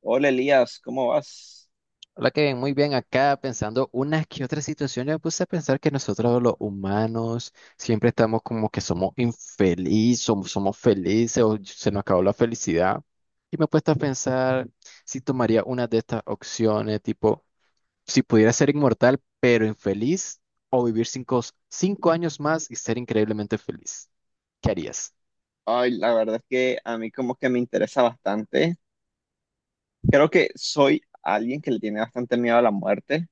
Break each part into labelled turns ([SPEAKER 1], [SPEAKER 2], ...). [SPEAKER 1] Hola Elías, ¿cómo vas?
[SPEAKER 2] Hola, que ven muy bien acá pensando unas que otras situaciones. Me puse a pensar que nosotros los humanos siempre estamos como que somos infelices, somos felices o se nos acabó la felicidad. Y me he puesto a pensar si tomaría una de estas opciones, tipo, si pudiera ser inmortal pero infeliz o vivir cinco años más y ser increíblemente feliz. ¿Qué harías?
[SPEAKER 1] Ay, la verdad es que a mí como que me interesa bastante. Creo que soy alguien que le tiene bastante miedo a la muerte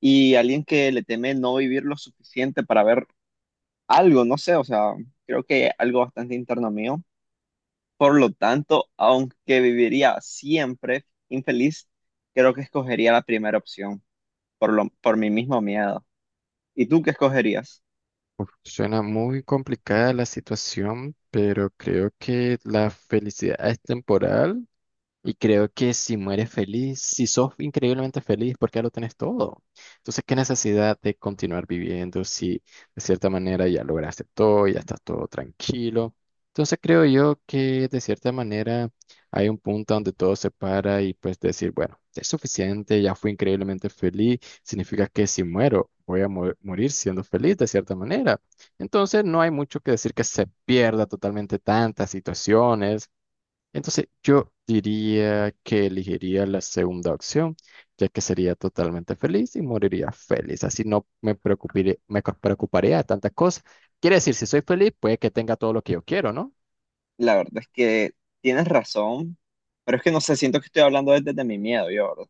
[SPEAKER 1] y alguien que le teme no vivir lo suficiente para ver algo, no sé, o sea, creo que algo bastante interno mío. Por lo tanto, aunque viviría siempre infeliz, creo que escogería la primera opción por mi mismo miedo. ¿Y tú qué escogerías?
[SPEAKER 2] Suena muy complicada la situación, pero creo que la felicidad es temporal. Y creo que si mueres feliz, si sos increíblemente feliz, porque ya lo tenés todo. Entonces, ¿qué necesidad de continuar viviendo si de cierta manera ya lograste todo, ya estás todo tranquilo? Entonces, creo yo que de cierta manera hay un punto donde todo se para y pues decir, bueno, es suficiente, ya fui increíblemente feliz, significa que si muero, voy a morir siendo feliz de cierta manera. Entonces, no hay mucho que decir que se pierda totalmente tantas situaciones entonces, yo diría que elegiría la segunda opción, ya que sería totalmente feliz y moriría feliz. Así no me preocuparé, me preocuparía de tantas cosas. Quiere decir, si soy feliz, puede que tenga todo lo que yo quiero, ¿no?
[SPEAKER 1] La verdad es que tienes razón, pero es que no sé, siento que estoy hablando desde mi miedo, yo, ¿verdad?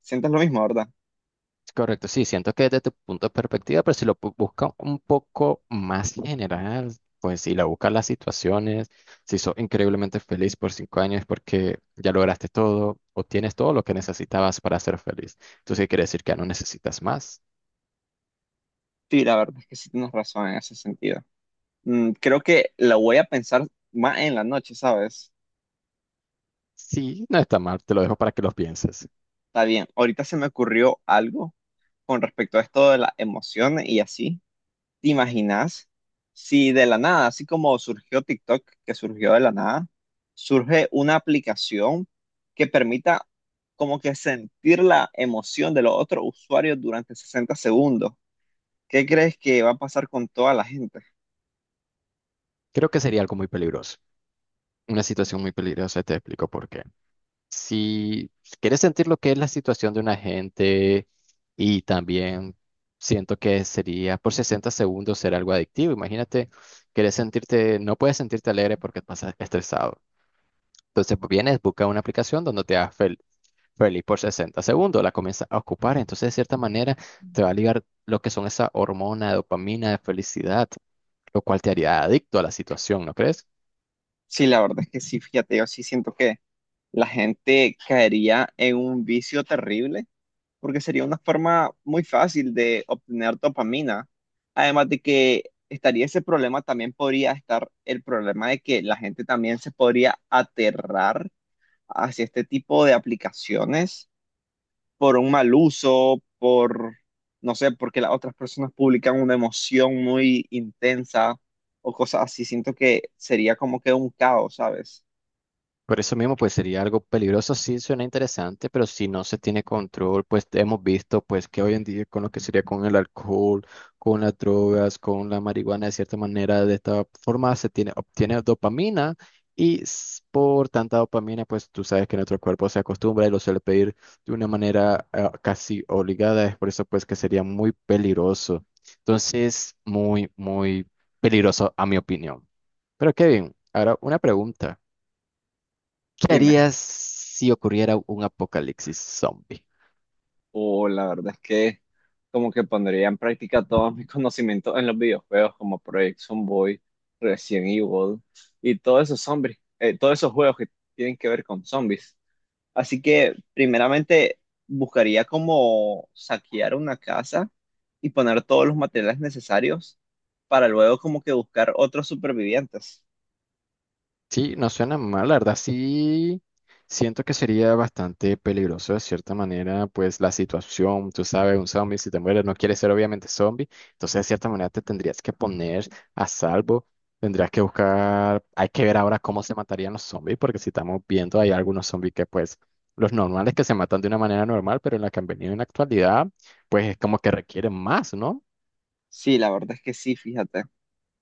[SPEAKER 1] Sientes lo mismo, ¿verdad?
[SPEAKER 2] Correcto, sí, siento que desde tu punto de perspectiva, pero si lo busca un poco más general, pues si la buscas las situaciones, si sos increíblemente feliz por 5 años porque ya lograste todo o tienes todo lo que necesitabas para ser feliz. Entonces quiere decir que ya no necesitas más.
[SPEAKER 1] Sí, la verdad es que sí tienes razón en ese sentido. Creo que lo voy a pensar más en la noche, ¿sabes?
[SPEAKER 2] Sí, no está mal, te lo dejo para que lo pienses.
[SPEAKER 1] Está bien. Ahorita se me ocurrió algo con respecto a esto de las emociones y así. ¿Te imaginas si de la nada, así como surgió TikTok, que surgió de la nada, surge una aplicación que permita como que sentir la emoción de los otros usuarios durante 60 segundos? ¿Qué crees que va a pasar con toda la gente?
[SPEAKER 2] Creo que sería algo muy peligroso, una situación muy peligrosa, te explico por qué. Si quieres sentir lo que es la situación de un agente y también siento que sería por 60 segundos ser algo adictivo, imagínate, quieres sentirte, no puedes sentirte alegre porque pasas estresado. Entonces pues, vienes, busca una aplicación donde te hagas feliz por 60 segundos, la comienzas a ocupar, entonces de cierta manera te va a ligar lo que son esa hormona de dopamina de felicidad. Lo cual te haría adicto a la situación, ¿no crees?
[SPEAKER 1] Sí, la verdad es que sí, fíjate, yo sí siento que la gente caería en un vicio terrible porque sería una forma muy fácil de obtener dopamina. Además de que estaría ese problema, también podría estar el problema de que la gente también se podría aterrar hacia este tipo de aplicaciones por un mal uso, no sé, porque las otras personas publican una emoción muy intensa o cosas así. Siento que sería como que un caos, ¿sabes?
[SPEAKER 2] Por eso mismo, pues sería algo peligroso, sí suena interesante, pero si no se tiene control, pues hemos visto pues que hoy en día con lo que sería con el alcohol, con las drogas, con la marihuana, de cierta manera, de esta forma se tiene, obtiene dopamina y por tanta dopamina, pues tú sabes que nuestro cuerpo se acostumbra y lo suele pedir de una manera casi obligada, es por eso pues que sería muy peligroso. Entonces, muy, muy peligroso a mi opinión. Pero Kevin, ahora una pregunta. ¿Qué
[SPEAKER 1] Dime.
[SPEAKER 2] harías si ocurriera un apocalipsis zombie?
[SPEAKER 1] O la verdad es que como que pondría en práctica todos mis conocimientos en los videojuegos como Project Zomboid, Resident Evil y todos esos zombies, todos esos juegos que tienen que ver con zombies. Así que primeramente buscaría como saquear una casa y poner todos los materiales necesarios para luego como que buscar otros supervivientes.
[SPEAKER 2] Sí, no suena mal, la verdad sí siento que sería bastante peligroso de cierta manera, pues la situación, tú sabes, un zombie si te mueres no quieres ser obviamente zombie, entonces de cierta manera te tendrías que poner a salvo, tendrías que buscar, hay que ver ahora cómo se matarían los zombies, porque si estamos viendo hay algunos zombies que pues los normales que se matan de una manera normal, pero en la que han venido en la actualidad, pues es como que requieren más, ¿no?
[SPEAKER 1] Sí, la verdad es que sí, fíjate.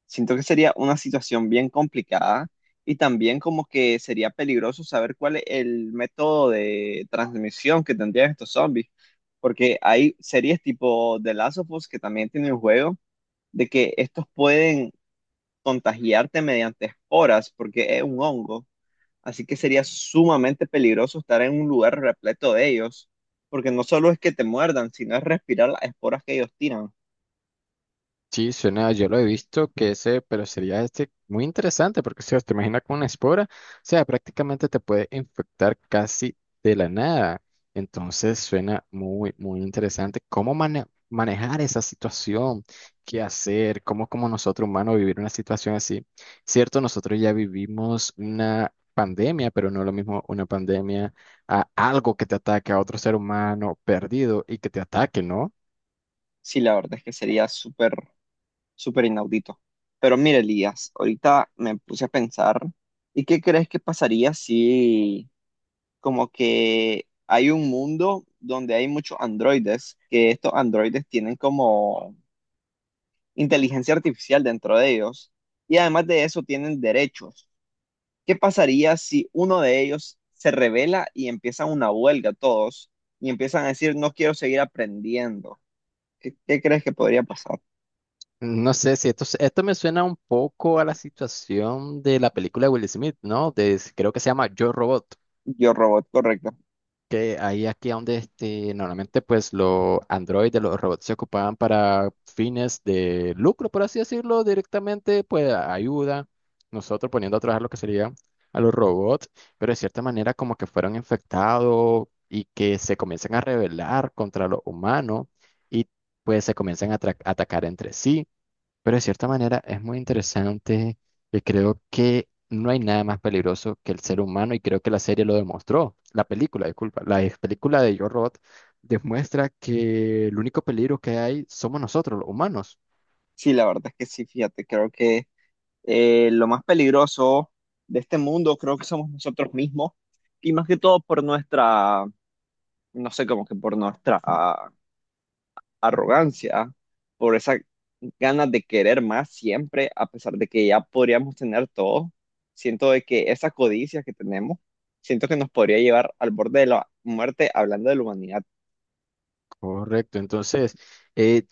[SPEAKER 1] Siento que sería una situación bien complicada y también como que sería peligroso saber cuál es el método de transmisión que tendrían estos zombies, porque hay series tipo The Last of Us que también tienen el juego de que estos pueden contagiarte mediante esporas porque es un hongo, así que sería sumamente peligroso estar en un lugar repleto de ellos, porque no solo es que te muerdan, sino es respirar las esporas que ellos tiran.
[SPEAKER 2] Sí, suena, yo lo he visto que ese, pero sería este muy interesante porque, o te imaginas con una espora, o sea, prácticamente te puede infectar casi de la nada. Entonces suena muy, muy interesante cómo manejar esa situación, qué hacer, cómo como nosotros humanos vivir una situación así. Cierto, nosotros ya vivimos una pandemia, pero no lo mismo una pandemia a algo que te ataque a otro ser humano perdido y que te ataque, ¿no?
[SPEAKER 1] Sí, la verdad es que sería súper súper inaudito. Pero mire, Elías, ahorita me puse a pensar, ¿y qué crees que pasaría si como que hay un mundo donde hay muchos androides, que estos androides tienen como inteligencia artificial dentro de ellos y además de eso tienen derechos? ¿Qué pasaría si uno de ellos se revela y empiezan una huelga todos y empiezan a decir, no quiero seguir aprendiendo? ¿Qué, qué crees que podría pasar?
[SPEAKER 2] No sé si esto, esto me suena un poco a la situación de la película de Will Smith, ¿no? De, creo que se llama Yo Robot,
[SPEAKER 1] Yo, robot, correcto.
[SPEAKER 2] que ahí aquí donde este, normalmente pues los androides, los robots se ocupaban para fines de lucro, por así decirlo, directamente, pues ayuda, nosotros poniendo a trabajar lo que sería a los robots, pero de cierta manera como que fueron infectados y que se comienzan a rebelar contra los humanos y pues se comienzan a atacar entre sí. Pero de cierta manera es muy interesante y creo que no hay nada más peligroso que el ser humano y creo que la serie lo demostró. La película, disculpa, la ex película de Yo Robot demuestra que el único peligro que hay somos nosotros, los humanos.
[SPEAKER 1] Sí, la verdad es que sí, fíjate, creo que lo más peligroso de este mundo creo que somos nosotros mismos y más que todo por nuestra, no sé, como que por nuestra arrogancia, por esa ganas de querer más siempre, a pesar de que ya podríamos tener todo. Siento de que esa codicia que tenemos, siento que nos podría llevar al borde de la muerte hablando de la humanidad
[SPEAKER 2] Correcto, entonces, eh,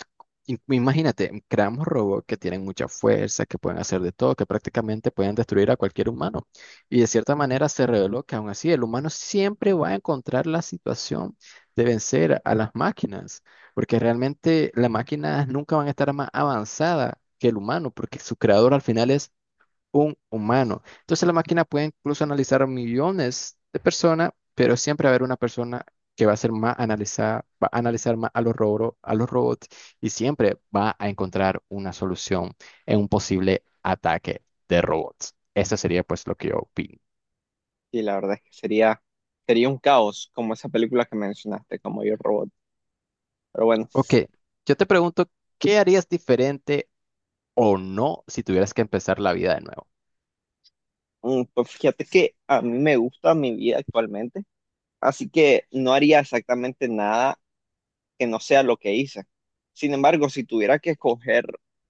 [SPEAKER 2] imagínate, creamos robots que tienen mucha fuerza, que pueden hacer de todo, que prácticamente pueden destruir a cualquier humano. Y de cierta manera se reveló que aún así el humano siempre va a encontrar la situación de vencer a las máquinas, porque realmente las máquinas nunca van a estar más avanzadas que el humano, porque su creador al final es un humano. Entonces la máquina puede incluso analizar a millones de personas, pero siempre va a haber una persona que va a ser más analizada, va a analizar más a los robots y siempre va a encontrar una solución en un posible ataque de robots. Eso sería pues lo que yo opino.
[SPEAKER 1] y la verdad es que sería un caos como esa película que mencionaste, como Yo Robot. Pero bueno.
[SPEAKER 2] Ok, yo te pregunto, ¿qué harías diferente o no si tuvieras que empezar la vida de nuevo?
[SPEAKER 1] Pues fíjate que a mí me gusta mi vida actualmente, así que no haría exactamente nada que no sea lo que hice. Sin embargo, si tuviera que escoger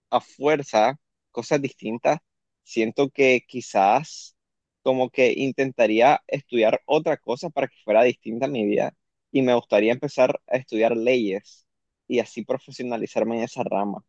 [SPEAKER 1] a fuerza cosas distintas, siento que quizás como que intentaría estudiar otra cosa para que fuera distinta a mi vida y me gustaría empezar a estudiar leyes y así profesionalizarme en esa rama.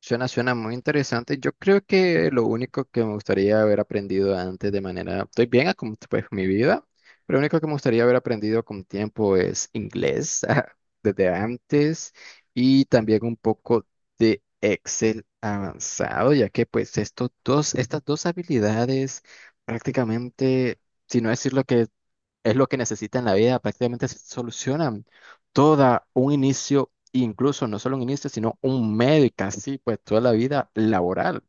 [SPEAKER 2] Suena muy interesante. Yo creo que lo único que me gustaría haber aprendido antes de manera, estoy bien a como pues mi vida, pero lo único que me gustaría haber aprendido con tiempo es inglés desde antes y también un poco de Excel avanzado, ya que pues estos dos, estas dos habilidades prácticamente, si no decirlo que es lo que necesita en la vida, prácticamente se solucionan toda un inicio, incluso no solo un inicio, sino un medio y casi pues toda la vida laboral.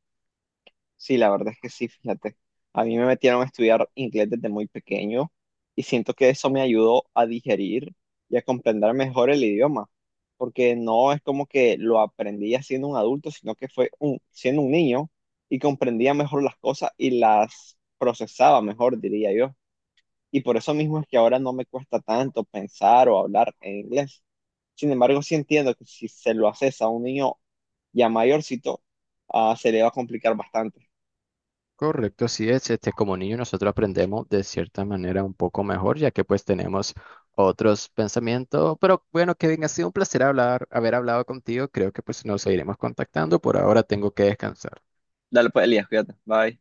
[SPEAKER 1] Sí, la verdad es que sí, fíjate. A mí me metieron a estudiar inglés desde muy pequeño y siento que eso me ayudó a digerir y a comprender mejor el idioma, porque no es como que lo aprendí ya siendo un adulto, sino que fue siendo un niño y comprendía mejor las cosas y las procesaba mejor, diría yo. Y por eso mismo es que ahora no me cuesta tanto pensar o hablar en inglés. Sin embargo, sí entiendo que si se lo haces a un niño ya mayorcito, se le va a complicar bastante.
[SPEAKER 2] Correcto, así es, este, como niño nosotros aprendemos de cierta manera un poco mejor, ya que pues tenemos otros pensamientos, pero bueno, Kevin, ha sido un placer hablar, haber hablado contigo, creo que pues nos seguiremos contactando, por ahora tengo que descansar.
[SPEAKER 1] Dale pues, Elías, cuídate. Bye.